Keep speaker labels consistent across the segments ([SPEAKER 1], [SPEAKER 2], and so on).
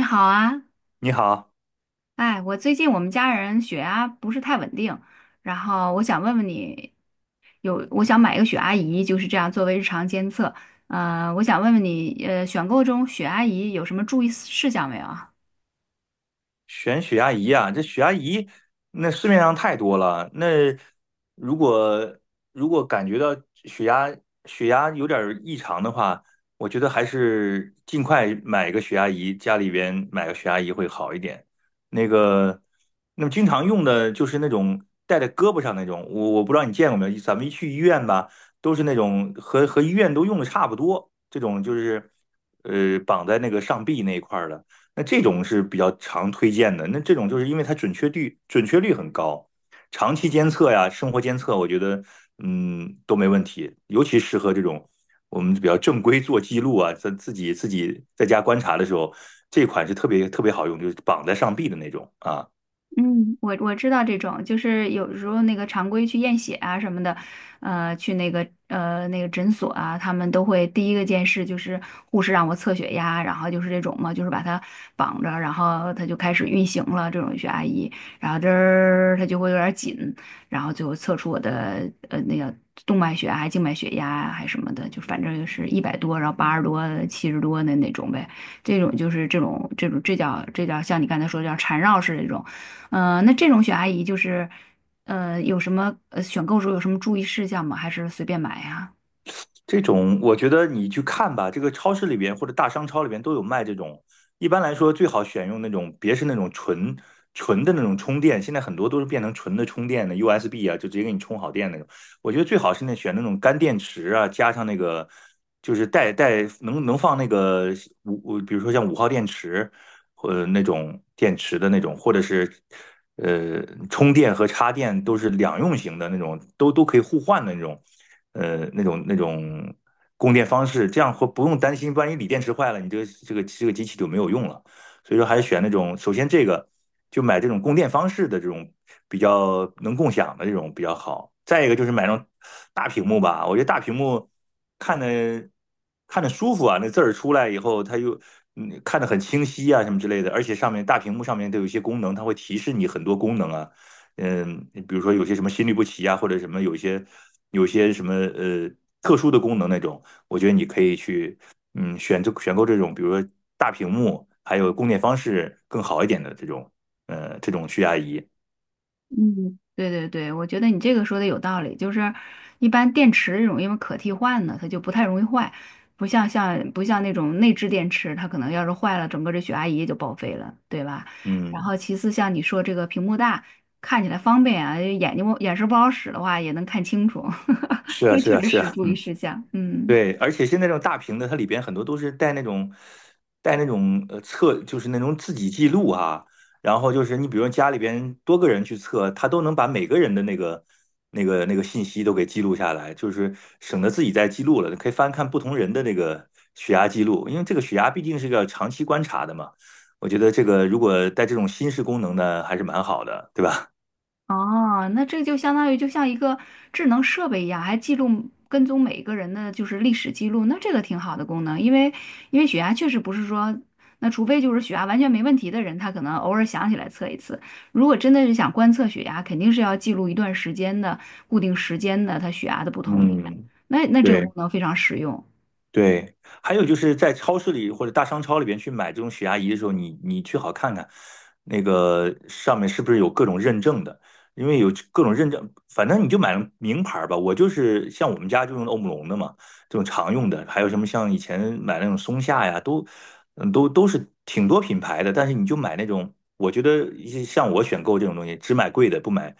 [SPEAKER 1] 你好啊，
[SPEAKER 2] 你好，
[SPEAKER 1] 哎，我最近我们家人血压不是太稳定，然后我想问问你，我想买一个血压仪，就是这样作为日常监测。我想问问你，选购中血压仪有什么注意事项没有啊？
[SPEAKER 2] 选血压仪啊，这血压仪那市面上太多了。那如果如果感觉到血压血压有点儿异常的话，我觉得还是尽快买个血压仪，家里边买个血压仪会好一点。那个，那么经常用的就是那种戴在胳膊上那种，我不知道你见过没有，咱们一去医院吧，都是那种和医院都用的差不多，这种就是绑在那个上臂那一块儿的。那这种是比较常推荐的。那这种就是因为它准确率很高，长期监测呀、生活监测，我觉得都没问题，尤其适合这种我们比较正规做记录啊，在自己在家观察的时候，这款是特别特别好用，就是绑在上臂的那种啊。
[SPEAKER 1] 嗯，我知道这种，就是有时候那个常规去验血啊什么的，去那个诊所啊，他们都会第一个件事就是护士让我测血压，然后就是这种嘛，就是把它绑着，然后它就开始运行了。这种血压仪，然后这儿它就会有点紧，然后最后测出我的那个动脉血压、还静脉血压啊还什么的，就反正就是100多，然后80多、70多的那种呗。这种就是这种这叫像你刚才说的叫缠绕式这种。嗯，那这种选阿姨就是，有什么呃选购时候有什么注意事项吗？还是随便买呀？
[SPEAKER 2] 这种我觉得你去看吧，这个超市里边或者大商超里边都有卖这种。一般来说，最好选用那种，别是那种纯的那种充电，现在很多都是变成纯的充电的 USB 啊，就直接给你充好电那种。我觉得最好是那选那种干电池啊，加上那个就是带能放那个比如说像五号电池，那种电池的那种，或者是充电和插电都是两用型的那种，都可以互换的那种。那种供电方式，这样会不用担心，万一锂电池坏了，你这个机器就没有用了。所以说还是选那种，首先这个就买这种供电方式的这种比较能共享的这种比较好。再一个就是买那种大屏幕吧，我觉得大屏幕看的看着舒服啊，那字儿出来以后，它又看得很清晰啊，什么之类的。而且上面大屏幕上面都有一些功能，它会提示你很多功能啊，比如说有些什么心律不齐呀，或者什么有些什么特殊的功能那种，我觉得你可以去选购这种，比如说大屏幕，还有供电方式更好一点的这种这种血压仪。
[SPEAKER 1] 嗯，对对对，我觉得你这个说的有道理，就是一般电池这种因为可替换的，它就不太容易坏，不像那种内置电池，它可能要是坏了，整个这血压仪就报废了，对吧？然
[SPEAKER 2] 嗯，
[SPEAKER 1] 后其次像你说这个屏幕大，看起来方便啊，眼神不好使的话也能看清楚，
[SPEAKER 2] 是啊，
[SPEAKER 1] 这
[SPEAKER 2] 是
[SPEAKER 1] 确
[SPEAKER 2] 啊，
[SPEAKER 1] 实
[SPEAKER 2] 是
[SPEAKER 1] 是
[SPEAKER 2] 啊，
[SPEAKER 1] 注意
[SPEAKER 2] 嗯。
[SPEAKER 1] 事项，嗯。
[SPEAKER 2] 对，而且现在这种大屏的，它里边很多都是带那种测，就是那种自己记录啊。然后就是你比如家里边多个人去测，它都能把每个人的那个信息都给记录下来，就是省得自己再记录了，可以翻看不同人的那个血压记录，因为这个血压毕竟是个长期观察的嘛。我觉得这个如果带这种新式功能呢，还是蛮好的，对吧？
[SPEAKER 1] 哦，那这就相当于就像一个智能设备一样，还记录跟踪每一个人的就是历史记录，那这个挺好的功能，因为血压确实不是说，那除非就是血压完全没问题的人，他可能偶尔想起来测一次。如果真的是想观测血压，肯定是要记录一段时间的固定时间的他血压的不同点，
[SPEAKER 2] 嗯，
[SPEAKER 1] 那这个功
[SPEAKER 2] 对。
[SPEAKER 1] 能非常实用。
[SPEAKER 2] 对，还有就是在超市里或者大商超里边去买这种血压仪的时候，你最好看看那个上面是不是有各种认证的，因为有各种认证，反正你就买名牌儿吧。我就是像我们家就用欧姆龙的嘛，这种常用的，还有什么像以前买那种松下呀，都嗯都都是挺多品牌的，但是你就买那种，我觉得一些像我选购这种东西，只买贵的，不买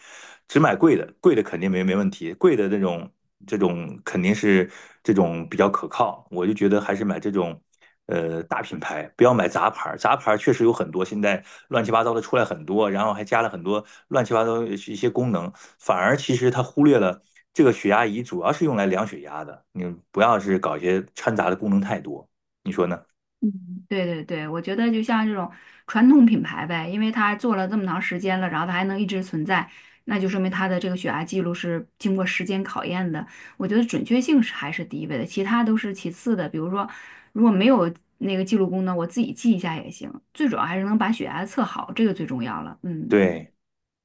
[SPEAKER 2] 只买贵的，贵的肯定没问题，贵的那种这种肯定是这种比较可靠。我就觉得还是买这种大品牌，不要买杂牌儿。杂牌儿确实有很多，现在乱七八糟的出来很多，然后还加了很多乱七八糟的一些功能，反而其实它忽略了这个血压仪主要是用来量血压的。你不要是搞一些掺杂的功能太多，你说呢？
[SPEAKER 1] 嗯，对对对，我觉得就像这种传统品牌呗，因为它做了这么长时间了，然后它还能一直存在，那就说明它的这个血压记录是经过时间考验的。我觉得准确性是还是第一位的，其他都是其次的。比如说，如果没有那个记录功能，我自己记一下也行，最主要还是能把血压测好，这个最重要了。嗯。
[SPEAKER 2] 对。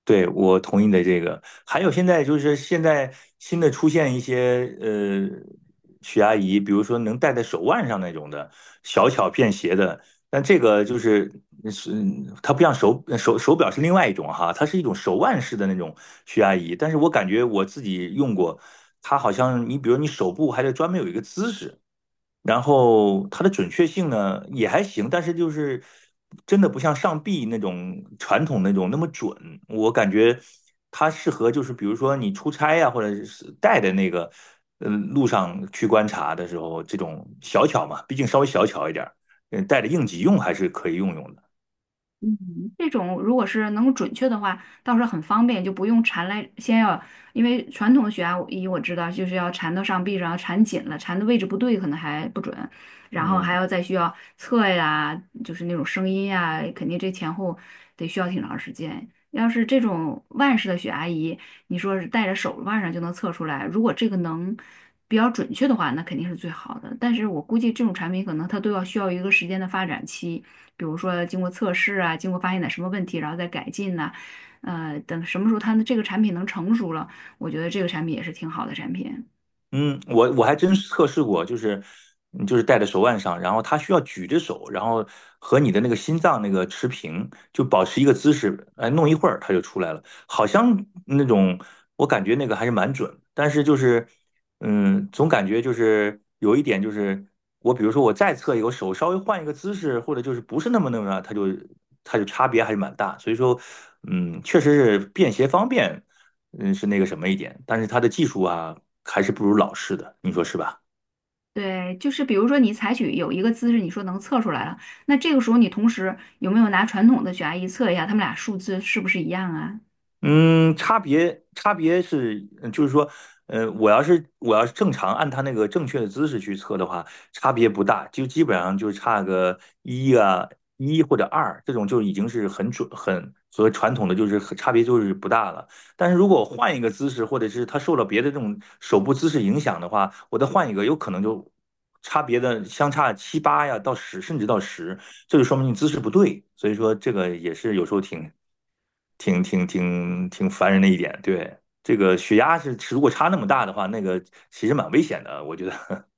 [SPEAKER 2] 对，我同意你的这个。还有现在就是现在新的出现一些血压仪，比如说能戴在手腕上那种的，小巧便携的。但这个就是是它不像手表是另外一种哈，它是一种手腕式的那种血压仪。但是我感觉我自己用过，它好像你比如你手部还得专门有一个姿势，然后它的准确性呢也还行，但是就是真的不像上臂那种传统那种那么准。我感觉它适合就是比如说你出差呀、或者是带的那个路上去观察的时候，这种小巧嘛，毕竟稍微小巧一点儿，带着应急用还是可以用用的。
[SPEAKER 1] 嗯，这种如果是能够准确的话，倒是很方便，就不用缠来，先要，因为传统的血压仪我知道就是要缠到上臂上，缠紧了，缠的位置不对可能还不准，然后还
[SPEAKER 2] 嗯
[SPEAKER 1] 要再需要测呀，就是那种声音呀，肯定这前后得需要挺长时间。要是这种腕式的血压仪，你说是戴着手腕上就能测出来，如果这个能比较准确的话，那肯定是最好的。但是我估计这种产品可能它都要需要一个时间的发展期。比如说经过测试啊，经过发现点什么问题，然后再改进呐，等什么时候它的这个产品能成熟了，我觉得这个产品也是挺好的产品。
[SPEAKER 2] 嗯，我还真是测试过，就是就是戴在手腕上，然后它需要举着手，然后和你的那个心脏那个持平，就保持一个姿势，哎，弄一会儿它就出来了，好像那种我感觉那个还是蛮准，但是就是总感觉就是有一点就是我比如说我再测一个，我手稍微换一个姿势，或者就是不是那么它就差别还是蛮大，所以说确实是便携方便，是那个什么一点，但是他的技术啊，还是不如老式的，你说是吧？
[SPEAKER 1] 对，就是比如说你采取有一个姿势，你说能测出来了，那这个时候你同时有没有拿传统的血压仪测一下，他们俩数字是不是一样啊？
[SPEAKER 2] 嗯，差别是，就是说，我要是正常按他那个正确的姿势去测的话，差别不大，就基本上就差个一啊一或者二，这种就已经是很准很和传统的就是很差别就是不大了。但是如果我换一个姿势，或者是他受了别的这种手部姿势影响的话，我再换一个，有可能就差别的相差七八呀到十，甚至到十。这就说明你姿势不对，所以说这个也是有时候挺烦人的一点。对，这个血压是如果差那么大的话，那个其实蛮危险的，我觉得。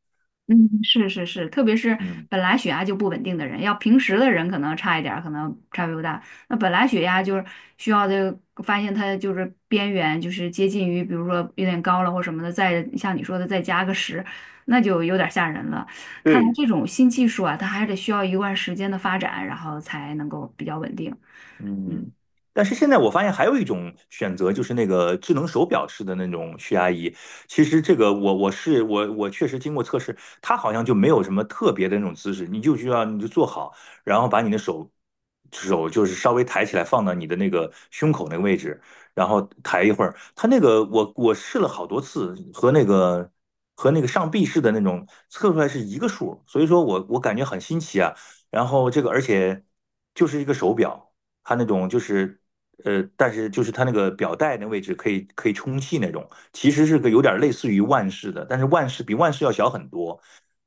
[SPEAKER 1] 嗯，是是是，特别是
[SPEAKER 2] 嗯，
[SPEAKER 1] 本来血压就不稳定的人，要平时的人可能差一点儿，可能差别不大。那本来血压就是需要的，发现它就是边缘，就是接近于，比如说有点高了或什么的，再像你说的再加个十，那就有点吓人了。看来
[SPEAKER 2] 对，
[SPEAKER 1] 这种新技术啊，它还得需要一段时间的发展，然后才能够比较稳定。
[SPEAKER 2] 嗯，但是现在我发现还有一种选择，就是那个智能手表式的那种血压仪。其实这个我我是我我确实经过测试，它好像就没有什么特别的那种姿势，你就需要你就坐好，然后把你的手就是稍微抬起来放到你的那个胸口那个位置，然后抬一会儿。它那个我试了好多次，和那个上臂式的那种测出来是一个数，所以说我感觉很新奇啊。然后这个而且就是一个手表。它那种就是但是就是它那个表带那位置可以充气那种，其实是个有点类似于万氏的，但是比万氏要小很多。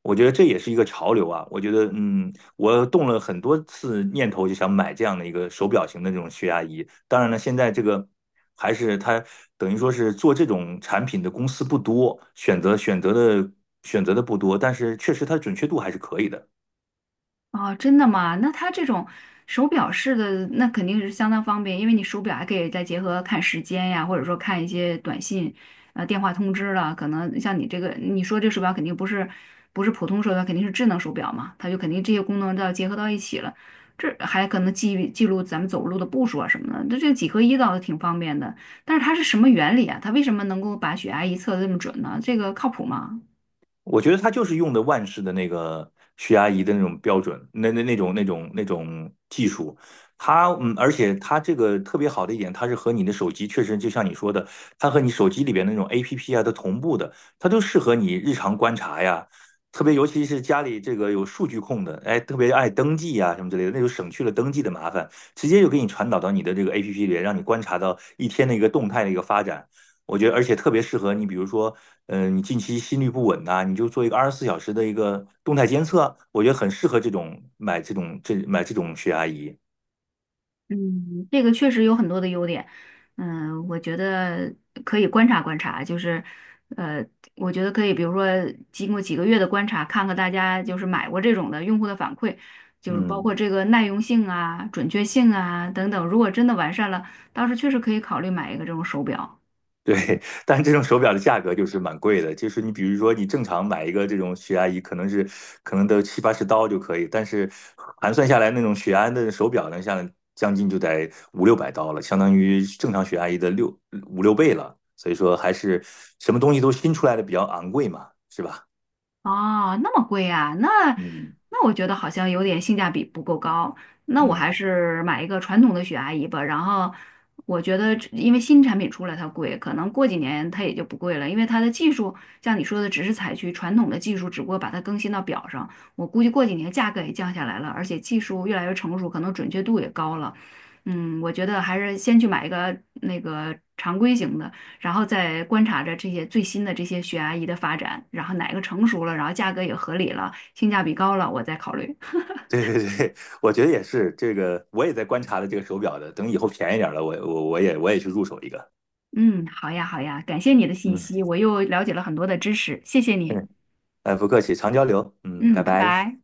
[SPEAKER 2] 我觉得这也是一个潮流啊！我觉得，我动了很多次念头，就想买这样的一个手表型的这种血压仪。当然了，现在这个还是它等于说是做这种产品的公司不多，选择的不多，但是确实它准确度还是可以的。
[SPEAKER 1] 哦，真的吗？那它这种手表式的，那肯定是相当方便，因为你手表还可以再结合看时间呀，或者说看一些短信、电话通知了。可能像你这个，你说这手表肯定不是普通手表，肯定是智能手表嘛，它就肯定这些功能都要结合到一起了。这还可能记录咱们走路的步数啊什么的，那这个几合一倒是挺方便的。但是它是什么原理啊？它为什么能够把血压一测得这么准呢？这个靠谱吗？
[SPEAKER 2] 我觉得他就是用的万氏的那个血压仪的那种标准，那种技术，它而且它这个特别好的一点，它是和你的手机确实就像你说的，它和你手机里边那种 APP 啊都同步的，它都适合你日常观察呀。特别尤其是家里这个有数据控的，哎，特别爱登记呀、什么之类的，那就省去了登记的麻烦，直接就给你传导到你的这个 APP 里，让你观察到一天的一个动态的一个发展。我觉得，而且特别适合你，比如说你近期心率不稳呐，你就做一个24小时的一个动态监测，我觉得很适合这种买这种这买这种血压仪。
[SPEAKER 1] 嗯，这个确实有很多的优点，嗯，我觉得可以观察观察，就是，呃，我觉得可以，比如说经过几个月的观察，看看大家就是买过这种的用户的反馈，就是包括
[SPEAKER 2] 嗯，
[SPEAKER 1] 这个耐用性啊、准确性啊等等，如果真的完善了，到时确实可以考虑买一个这种手表。
[SPEAKER 2] 对，但是这种手表的价格就是蛮贵的，就是你比如说你正常买一个这种血压仪，可能得七八十刀就可以，但是盘算下来那种血压的手表呢，像将近就得五六百刀了，相当于正常血压仪的五六倍了，所以说还是什么东西都新出来的比较昂贵嘛，是吧？
[SPEAKER 1] 哦，那么贵啊？那
[SPEAKER 2] 嗯
[SPEAKER 1] 那我觉得好像有点性价比不够高。那我还
[SPEAKER 2] 嗯。
[SPEAKER 1] 是买一个传统的血压仪吧。然后我觉得这因为新产品出来它贵，可能过几年它也就不贵了，因为它的技术像你说的，只是采取传统的技术，只不过把它更新到表上。我估计过几年价格也降下来了，而且技术越来越成熟，可能准确度也高了。嗯，我觉得还是先去买一个那个常规型的。然后再观察着这些最新的这些血压仪的发展，然后哪个成熟了，然后价格也合理了，性价比高了，我再考虑。
[SPEAKER 2] 对对对，我觉得也是，这个我也在观察的这个手表的，等以后便宜点儿了，我也去入手一个。
[SPEAKER 1] 嗯，好呀，好呀，感谢你的信
[SPEAKER 2] 嗯，
[SPEAKER 1] 息，我又了解了很多的知识，谢谢 你。
[SPEAKER 2] 嗯，哎，不客气，常交流。嗯，
[SPEAKER 1] 嗯，
[SPEAKER 2] 拜
[SPEAKER 1] 拜
[SPEAKER 2] 拜。
[SPEAKER 1] 拜。